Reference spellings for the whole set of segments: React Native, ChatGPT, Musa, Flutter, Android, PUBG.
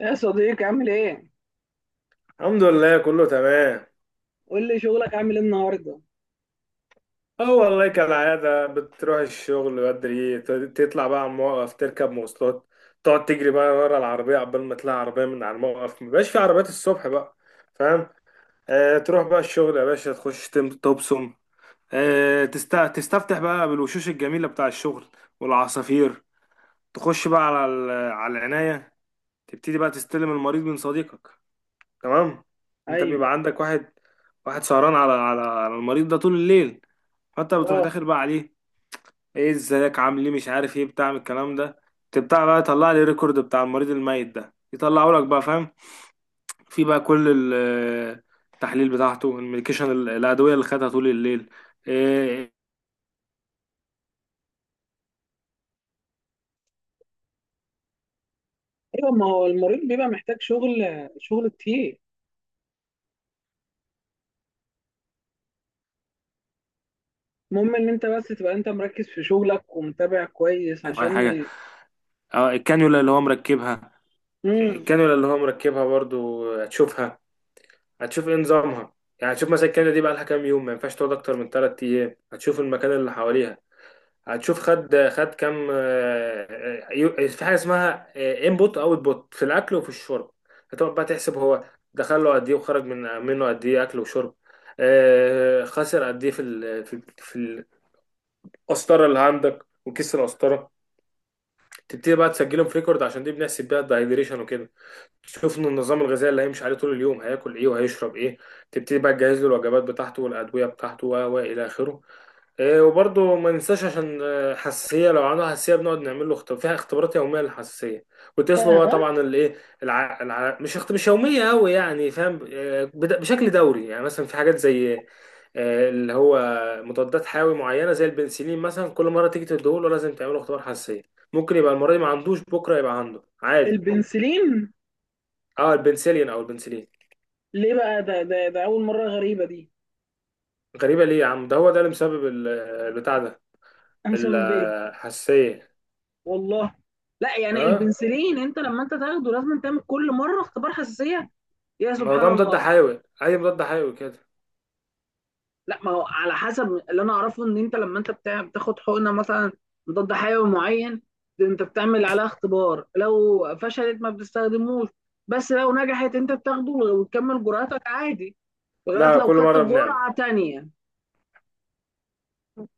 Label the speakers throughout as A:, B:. A: يا صديقي عامل ايه؟
B: الحمد لله، كله تمام.
A: قول لي شغلك عامل ايه النهارده؟
B: اه والله كالعادة بتروح الشغل بدري، تطلع بقى على الموقف، تركب مواصلات، تقعد تجري بقى ورا العربية عقبال ما تلاقي عربية، من على الموقف مبقاش في عربيات الصبح بقى. فاهم؟ آه، تروح بقى الشغل يا باشا، تخش تبصم. تستفتح بقى بالوشوش الجميلة بتاع الشغل والعصافير. تخش بقى على العناية. تبتدي بقى تستلم المريض من صديقك. تمام. انت
A: ايوه،
B: بيبقى عندك واحد، واحد سهران على المريض ده طول الليل، فانت بتروح
A: اه،
B: داخل بقى عليه. ايه، ازيك، عامل ايه، مش عارف ايه، بتاع من الكلام ده. تبتاع بقى يطلع لي ريكورد بتاع المريض الميت ده، يطلعه لك بقى. فاهم؟ في بقى كل آه، التحليل بتاعته، الميديكيشن، الادويه اللي خدها طول الليل. ايه،
A: ايوه. ما هو المريض بيبقى محتاج شغل، شغل كتير. المهم ان انت بس تبقى انت مركز في شغلك ومتابع كويس
B: اي
A: عشان
B: حاجه. اه الكانيولا اللي هو مركبها،
A: امم
B: الكانيولا اللي هو مركبها برضو هتشوفها. هتشوف ايه نظامها. يعني هتشوف مثلا الكانيولا دي بقى لها كام يوم، ما ينفعش تقعد اكتر من 3 ايام. هتشوف المكان اللي حواليها. هتشوف خد كام، آه، في حاجه اسمها انبوت اوت بوت، في الاكل وفي الشرب. هتقعد بقى تحسب، هو دخل له قد ايه، وخرج منه قد ايه، اكل وشرب. خسر قد ايه في في القسطره اللي عندك وكيس القسطره. تبتدي بقى تسجلهم في ريكورد، عشان دي بنحسب بيها الدايجريشن وكده. تشوف ان النظام الغذائي اللي هيمشي عليه طول اليوم هياكل ايه وهيشرب ايه. تبتدي بقى تجهز له الوجبات بتاعته والادويه بتاعته و الى اخره. إيه، وبرضه ما ننساش عشان حساسية، لو عنده حساسية بنقعد نعمل له اختبار فيها، اختبارات يومية للحساسية. وتسلو بقى
A: آه.
B: طبعا الايه، الع... الع... مش اخت... مش يومية قوي يعني. فاهم؟ بشكل دوري، يعني مثلا في حاجات زي اللي هو مضادات حيوي معينة، زي البنسلين مثلا، كل مرة تيجي تديهوله لازم تعمله اختبار حساسية. ممكن يبقى المرة دي ما عندوش، بكرة يبقى عنده عادي.
A: البنسلين
B: اه، البنسلين او البنسلين.
A: ليه بقى؟ ده اول مره غريبه دي.
B: غريبة ليه يا عم، ده هو ده اللي مسبب البتاع ده،
A: أنا مسبب ايه؟
B: الحساسية.
A: والله. لا، يعني
B: اه،
A: البنسلين انت لما انت تاخده لازم تعمل كل مره اختبار حساسيه. يا
B: ما
A: سبحان
B: ده
A: الله.
B: مضاد حيوي، اي مضاد حيوي كده.
A: لا، ما هو على حسب اللي انا اعرفه ان انت لما انت بتاخد حقنه مثلا ضد حيوي معين، ده انت بتعمل عليها اختبار، لو فشلت ما بتستخدموش، بس لو نجحت انت بتاخده وتكمل جرعتك عادي لغايه
B: لا،
A: لو
B: كل
A: خدت
B: مره بنعمل،
A: جرعه تانية.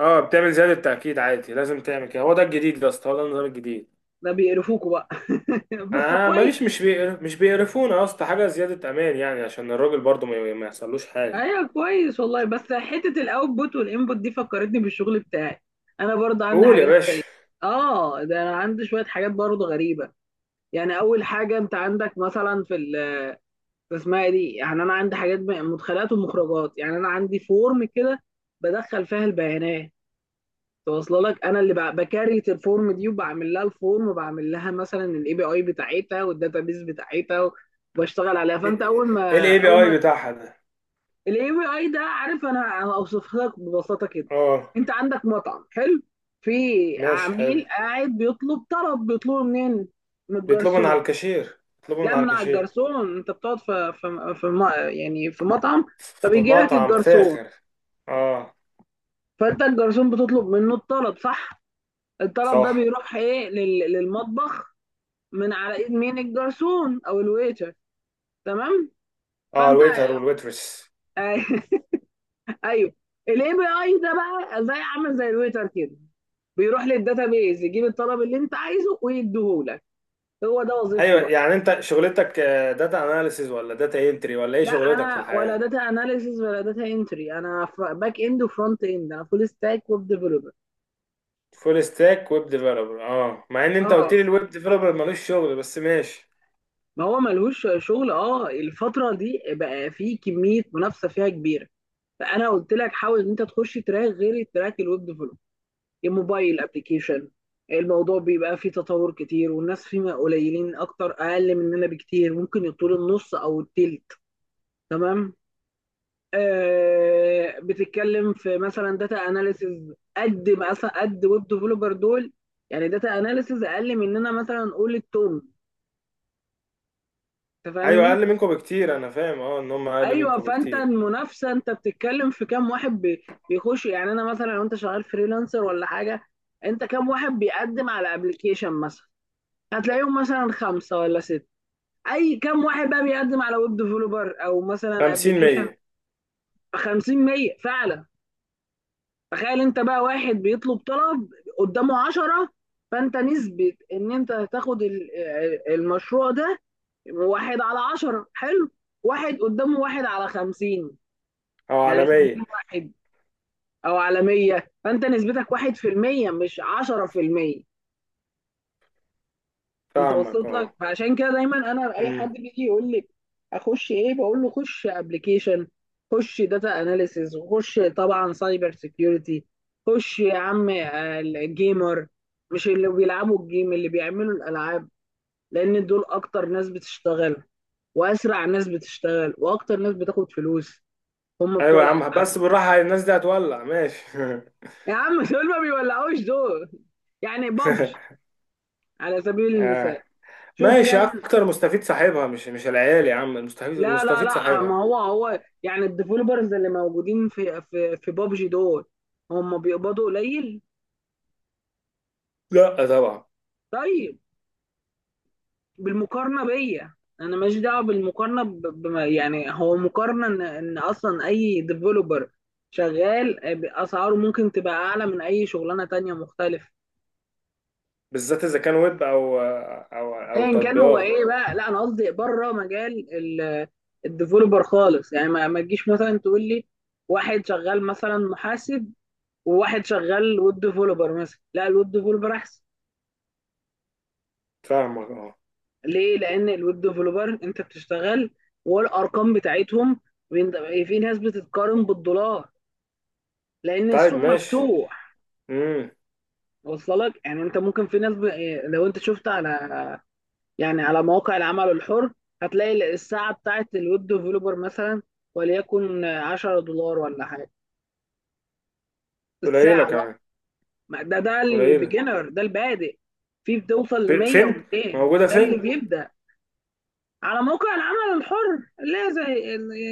B: اه بتعمل زياده تاكيد عادي، لازم تعمل كده، هو ده الجديد يا اسطى، هو ده النظام الجديد.
A: ده بيقرفوكوا بقى بس
B: ما
A: كويس.
B: فيش، مش بيقرفونا يا اسطى، حاجه زياده امان يعني، عشان الراجل برضه ما يحصلوش حاجه.
A: ايوه، كويس، والله. بس حته الاوتبوت والانبوت دي فكرتني بالشغل بتاعي. انا برضه عندي
B: قول يا باشا.
A: اه، ده انا عندي شويه حاجات برضه غريبه. يعني اول حاجه انت عندك مثلا في اسمها ايه دي. يعني انا عندي حاجات مدخلات ومخرجات. يعني انا عندي فورم كده بدخل فيها البيانات توصل لك. انا اللي بكريت الفورم دي وبعمل لها الفورم وبعمل لها مثلا الاي بي اي بتاعتها والداتابيز بتاعتها وبشتغل عليها. فانت
B: ايه
A: اول ما
B: الاي بي
A: اول ما
B: اي بتاعها ده؟
A: الاي بي اي ده، عارف، انا اوصف لك ببساطه كده.
B: اه
A: انت عندك مطعم حلو، في
B: ماشي، حلو.
A: عميل قاعد بيطلب طلب، بيطلبه منين؟ من
B: بيطلبوا من على
A: الجرسون.
B: الكاشير، بيطلبوا من
A: لا،
B: على
A: من على
B: الكاشير.
A: الجرسون. انت بتقعد يعني في مطعم،
B: في
A: فبيجي لك
B: مطعم
A: الجرسون.
B: فاخر. اه،
A: فانت الجرسون بتطلب منه الطلب، صح؟ الطلب ده
B: صح.
A: بيروح ايه للمطبخ من على ايد مين؟ الجرسون او الويتر. تمام.
B: اه،
A: فانت
B: الويتر والويترس.
A: ايوه. الاي بي اي ده بقى زي، عامل زي الويتر كده، بيروح للداتابيز يجيب الطلب اللي انت عايزه ويديهولك. هو ده وظيفته
B: ايوه،
A: بقى.
B: يعني انت شغلتك داتا اناليسيز ولا داتا انتري، ولا ايه
A: لا،
B: شغلتك في
A: انا ولا
B: الحياه؟
A: داتا اناليسيز ولا داتا انتري، انا باك اند وفرونت اند، انا فول ستاك ويب ديفلوبر.
B: فول ستاك ويب ديفلوبر. اه، مع ان انت قلت
A: اه،
B: لي الويب ديفلوبر ملوش شغل، بس ماشي.
A: ما هو ملهوش شغل. اه، الفترة دي بقى في كمية منافسة فيها كبيرة. فأنا قلت لك حاول إن أنت تخش تراك غير التراك الويب ديفلوب، الموبايل أبلكيشن. الموضوع بيبقى فيه تطور كتير والناس فيه قليلين أكتر، أقل مننا بكتير، ممكن يطول النص أو التلت. تمام. آه، بتتكلم في مثلا داتا أناليسز قد مثلا قد ويب ديفلوبر دول. يعني داتا أناليسز أقل مننا، مثلا قول التوم. أنت
B: ايوه،
A: فاهمني؟
B: اقل منكم بكتير. انا فاهم، اه، ان هم اقل
A: ايوه،
B: منكم
A: فانت
B: بكتير.
A: المنافسه انت بتتكلم في كام واحد بيخش. يعني انا مثلا لو انت شغال فريلانسر ولا حاجه، انت كام واحد بيقدم على ابلكيشن مثلا؟ هتلاقيهم مثلا خمسه ولا سته. اي كام واحد بقى بيقدم على ويب ديفلوبر او مثلا
B: 50،
A: ابلكيشن؟
B: 100.
A: ب 50 100 فعلا. تخيل انت بقى، واحد بيطلب طلب قدامه 10، فانت نسبه ان انت هتاخد المشروع ده واحد على 10، حلو. واحد قدامه، واحد على 50،
B: او على
A: يعني 50
B: 100.
A: واحد، او على 100، فانت نسبتك 1% مش 10%. انت
B: فاهمك،
A: وصلت لك؟
B: اه.
A: فعشان كده دايما انا اي حد
B: امم.
A: بيجي يقول لي اخش ايه، بقول له خش ابلكيشن، خش داتا اناليسيز، وخش طبعا سايبر سيكيورتي، خش يا عم الجيمر. مش اللي بيلعبوا الجيم، اللي بيعملوا الالعاب. لان دول اكتر ناس بتشتغل، واسرع ناس بتشتغل، واكتر ناس بتاخد فلوس، هم بتوع
B: ايوه يا عم،
A: الالعاب.
B: بس بالراحه، الناس دي هتولع ماشي.
A: يا عم دول ما بيولعوش دول. يعني بابجي على سبيل المثال،
B: آه.
A: شوف
B: ماشي،
A: كان.
B: اكتر مستفيد صاحبها، مش العيال يا عم، المستفيد،
A: لا لا
B: المستفيد
A: لا،
B: صاحبها.
A: ما هو هو يعني الديفلوبرز اللي موجودين في بابجي دول، هم بيقبضوا قليل.
B: لا طبعا.
A: طيب، بالمقارنه بيا. انا ماليش دعوه بالمقارنه ب... بما يعني هو مقارنه. ان اصلا اي ديفلوبر شغال، اسعاره ممكن تبقى اعلى من اي شغلانه تانية مختلفه.
B: بالذات اذا كان ويب او
A: ايا كان هو
B: تطبيقات.
A: ايه بقى. لا انا قصدي بره مجال الديفلوبر خالص. يعني ما تجيش مثلا تقول لي واحد شغال مثلا محاسب وواحد شغال ويب ديفلوبر مثلا، لا الويب ديفلوبر احسن.
B: فاهمك، اه.
A: ليه؟ لان الويب ديفلوبر انت بتشتغل، والارقام بتاعتهم في ناس بتتقارن بالدولار، لان
B: طيب
A: السوق
B: ماشي.
A: مفتوح.
B: امم.
A: وصل لك؟ يعني انت ممكن في ناس ب... لو انت شفت على، يعني على مواقع العمل الحر، هتلاقي الساعه بتاعت الويب ديفلوبر مثلا وليكن $10 ولا حاجه
B: قليلة
A: الساعه. لا،
B: كمان.
A: ده ده
B: قليلة.
A: البيجنر، ده البادئ. في بتوصل ل 100
B: فين،
A: و200،
B: موجودة
A: ده
B: فين؟
A: اللي بيبدأ على موقع العمل الحر، لا زي،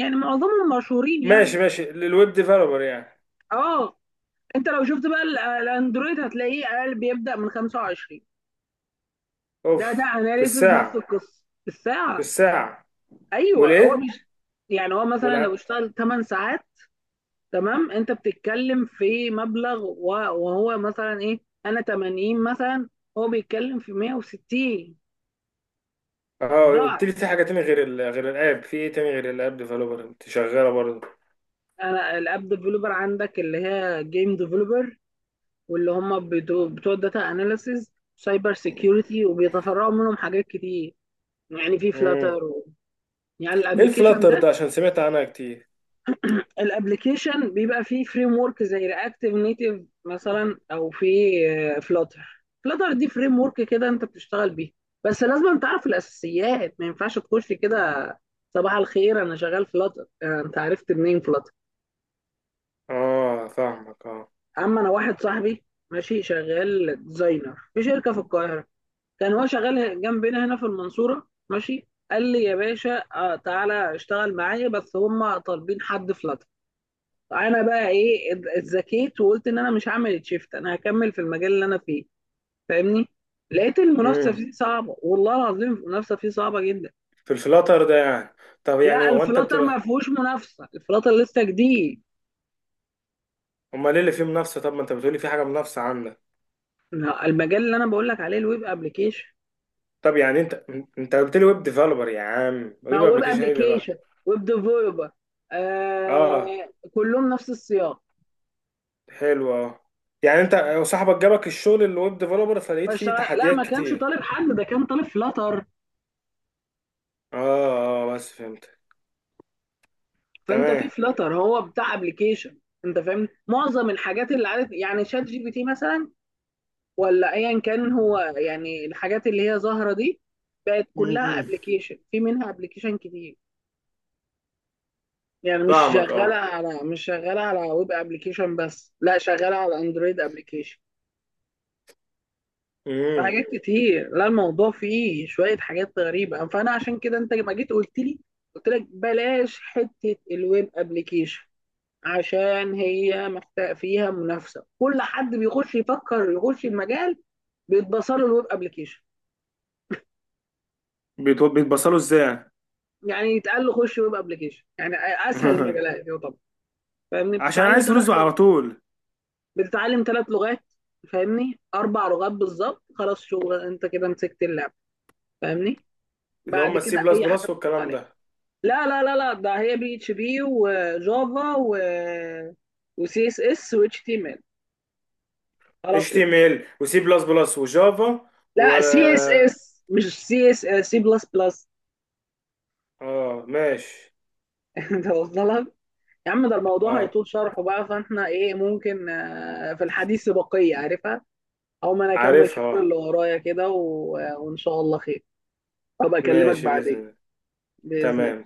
A: يعني معظمهم مشهورين يعني.
B: ماشي ماشي للويب ديفلوبر يعني.
A: اه، انت لو شفت بقى الاندرويد هتلاقيه اقل، بيبدأ من 25. ده ده
B: اوف. في
A: اناليسز نفس
B: الساعة،
A: القصه
B: في
A: بالساعه.
B: الساعة.
A: ايوه، هو
B: والايه.
A: مش، يعني هو مثلا لو
B: والع...
A: اشتغل 8 ساعات، تمام. انت بتتكلم في وهو مثلا ايه. انا 80 مثلا، هو بيتكلم في 160،
B: اه، قلت
A: ضعف.
B: لي في حاجة تاني غير غير الاب، في ايه تاني غير الاب ديفلوبر، انت شغالة برضه؟
A: انا الاب ديفلوبر عندك اللي هي جيم ديفلوبر، واللي هم بتوع الداتا اناليسز، سايبر سيكيورتي، وبيتفرعوا منهم حاجات كتير. يعني في
B: امم.
A: فلاتر و... يعني
B: ايه
A: الابلكيشن
B: الفلاتر ده،
A: ده،
B: عشان سمعت عنها كتير.
A: الابلكيشن بيبقى فيه فريم ورك زي رياكتيف نيتيف مثلا او في فلاتر. فلاتر دي فريم ورك كده انت بتشتغل بيه، بس لازم تعرف الاساسيات، ما ينفعش تخش كده صباح الخير انا شغال فلاتر، انت عرفت منين فلاتر؟
B: اه، فاهمك، اه.
A: اما انا، واحد صاحبي ماشي شغال ديزاينر في شركه في القاهره، كان هو شغال جنبنا هنا في المنصورة ماشي. قال لي يا باشا تعالى اشتغل معايا، بس هم طالبين حد فلاتر. انا بقى ايه اتذكيت وقلت ان انا مش هعمل شيفت، انا هكمل في المجال اللي انا فيه، فاهمني؟ لقيت المنافسه
B: امم.
A: فيه صعبه، والله العظيم المنافسه فيه صعبه جدا.
B: في الفلاتر ده يعني. طب يعني
A: لا،
B: هو انت
A: الفلاتر ما
B: بتبقى.
A: فيهوش منافسه، الفلاتر لسه جديد.
B: امال ايه اللي فيه منافسة؟ طب ما انت بتقولي في حاجة منافسة عندك.
A: لا، المجال اللي انا بقول لك عليه الويب ابلكيشن.
B: طب يعني انت قلت لي ويب ديفلوبر يا عم،
A: ما
B: ويب
A: هو ويب
B: ابلكيشن ايه دلوقتي؟
A: ابلكيشن، ويب ديفلوبر،
B: اه،
A: آه كلهم نفس السياق.
B: حلو، اه. يعني انت وصاحبك جابك الشغل اللي ويب ديفلوبر، فلقيت فيه
A: اشتغل، لا
B: تحديات
A: ما كانش
B: كتير.
A: طالب حد، ده كان طالب فلاتر.
B: اه، اه، بس فهمت.
A: فانت في
B: تمام.
A: فلاتر هو بتاع ابلكيشن. انت فاهم معظم الحاجات اللي عادت، يعني شات جي بي تي مثلا، ولا ايا كان، هو يعني الحاجات اللي هي ظاهره دي بقت كلها
B: امم.
A: ابلكيشن، في منها ابلكيشن كتير. يعني
B: فاهمك، اه.
A: مش شغاله على ويب ابلكيشن بس، لا شغاله على اندرويد ابلكيشن،
B: امم.
A: حاجات كتير. لا الموضوع فيه شويه حاجات غريبه، فانا عشان كده انت ما جيت قلت لي، قلت لك بلاش حته الويب ابلكيشن، عشان هي محتاج فيها منافسه. كل حد بيخش يفكر يخش المجال بيتبصر له الويب ابلكيشن،
B: بيتبصلوا ازاي يعني؟
A: يعني يتقال له خش ويب ابلكيشن، يعني اسهل المجالات يعتبر. فاهمني؟
B: عشان
A: بتتعلم
B: عايز
A: ثلاث
B: فلوسه على
A: لغات
B: طول.
A: بتتعلم 3 لغات، فاهمني 4 لغات بالظبط، خلاص شغل انت كده مسكت اللعب. فاهمني؟
B: اللي
A: بعد
B: هم السي
A: كده
B: بلس
A: اي حاجه
B: بلس
A: بتحط
B: والكلام
A: عليها.
B: ده.
A: لا لا لا لا، ده هي بي اتش بي وجافا وسي اس اس واتش تي ام ال، خلاص
B: اتش
A: كده.
B: تي ام ال وسي بلس بلس وجافا و...
A: لا سي اس اس مش سي اس، سي بلس بلس.
B: اه، ماشي.
A: انت واصله لك؟ يا عم ده الموضوع
B: اه،
A: هيطول شرحه بقى. فاحنا ايه ممكن في الحديث بقية، عارفها. او ما انا اكمل
B: عارفها،
A: شغل اللي ورايا كده و... وان شاء الله خير. ابقى اكلمك
B: ماشي باذن
A: بعدين.
B: الله.
A: بإذن.
B: تمام.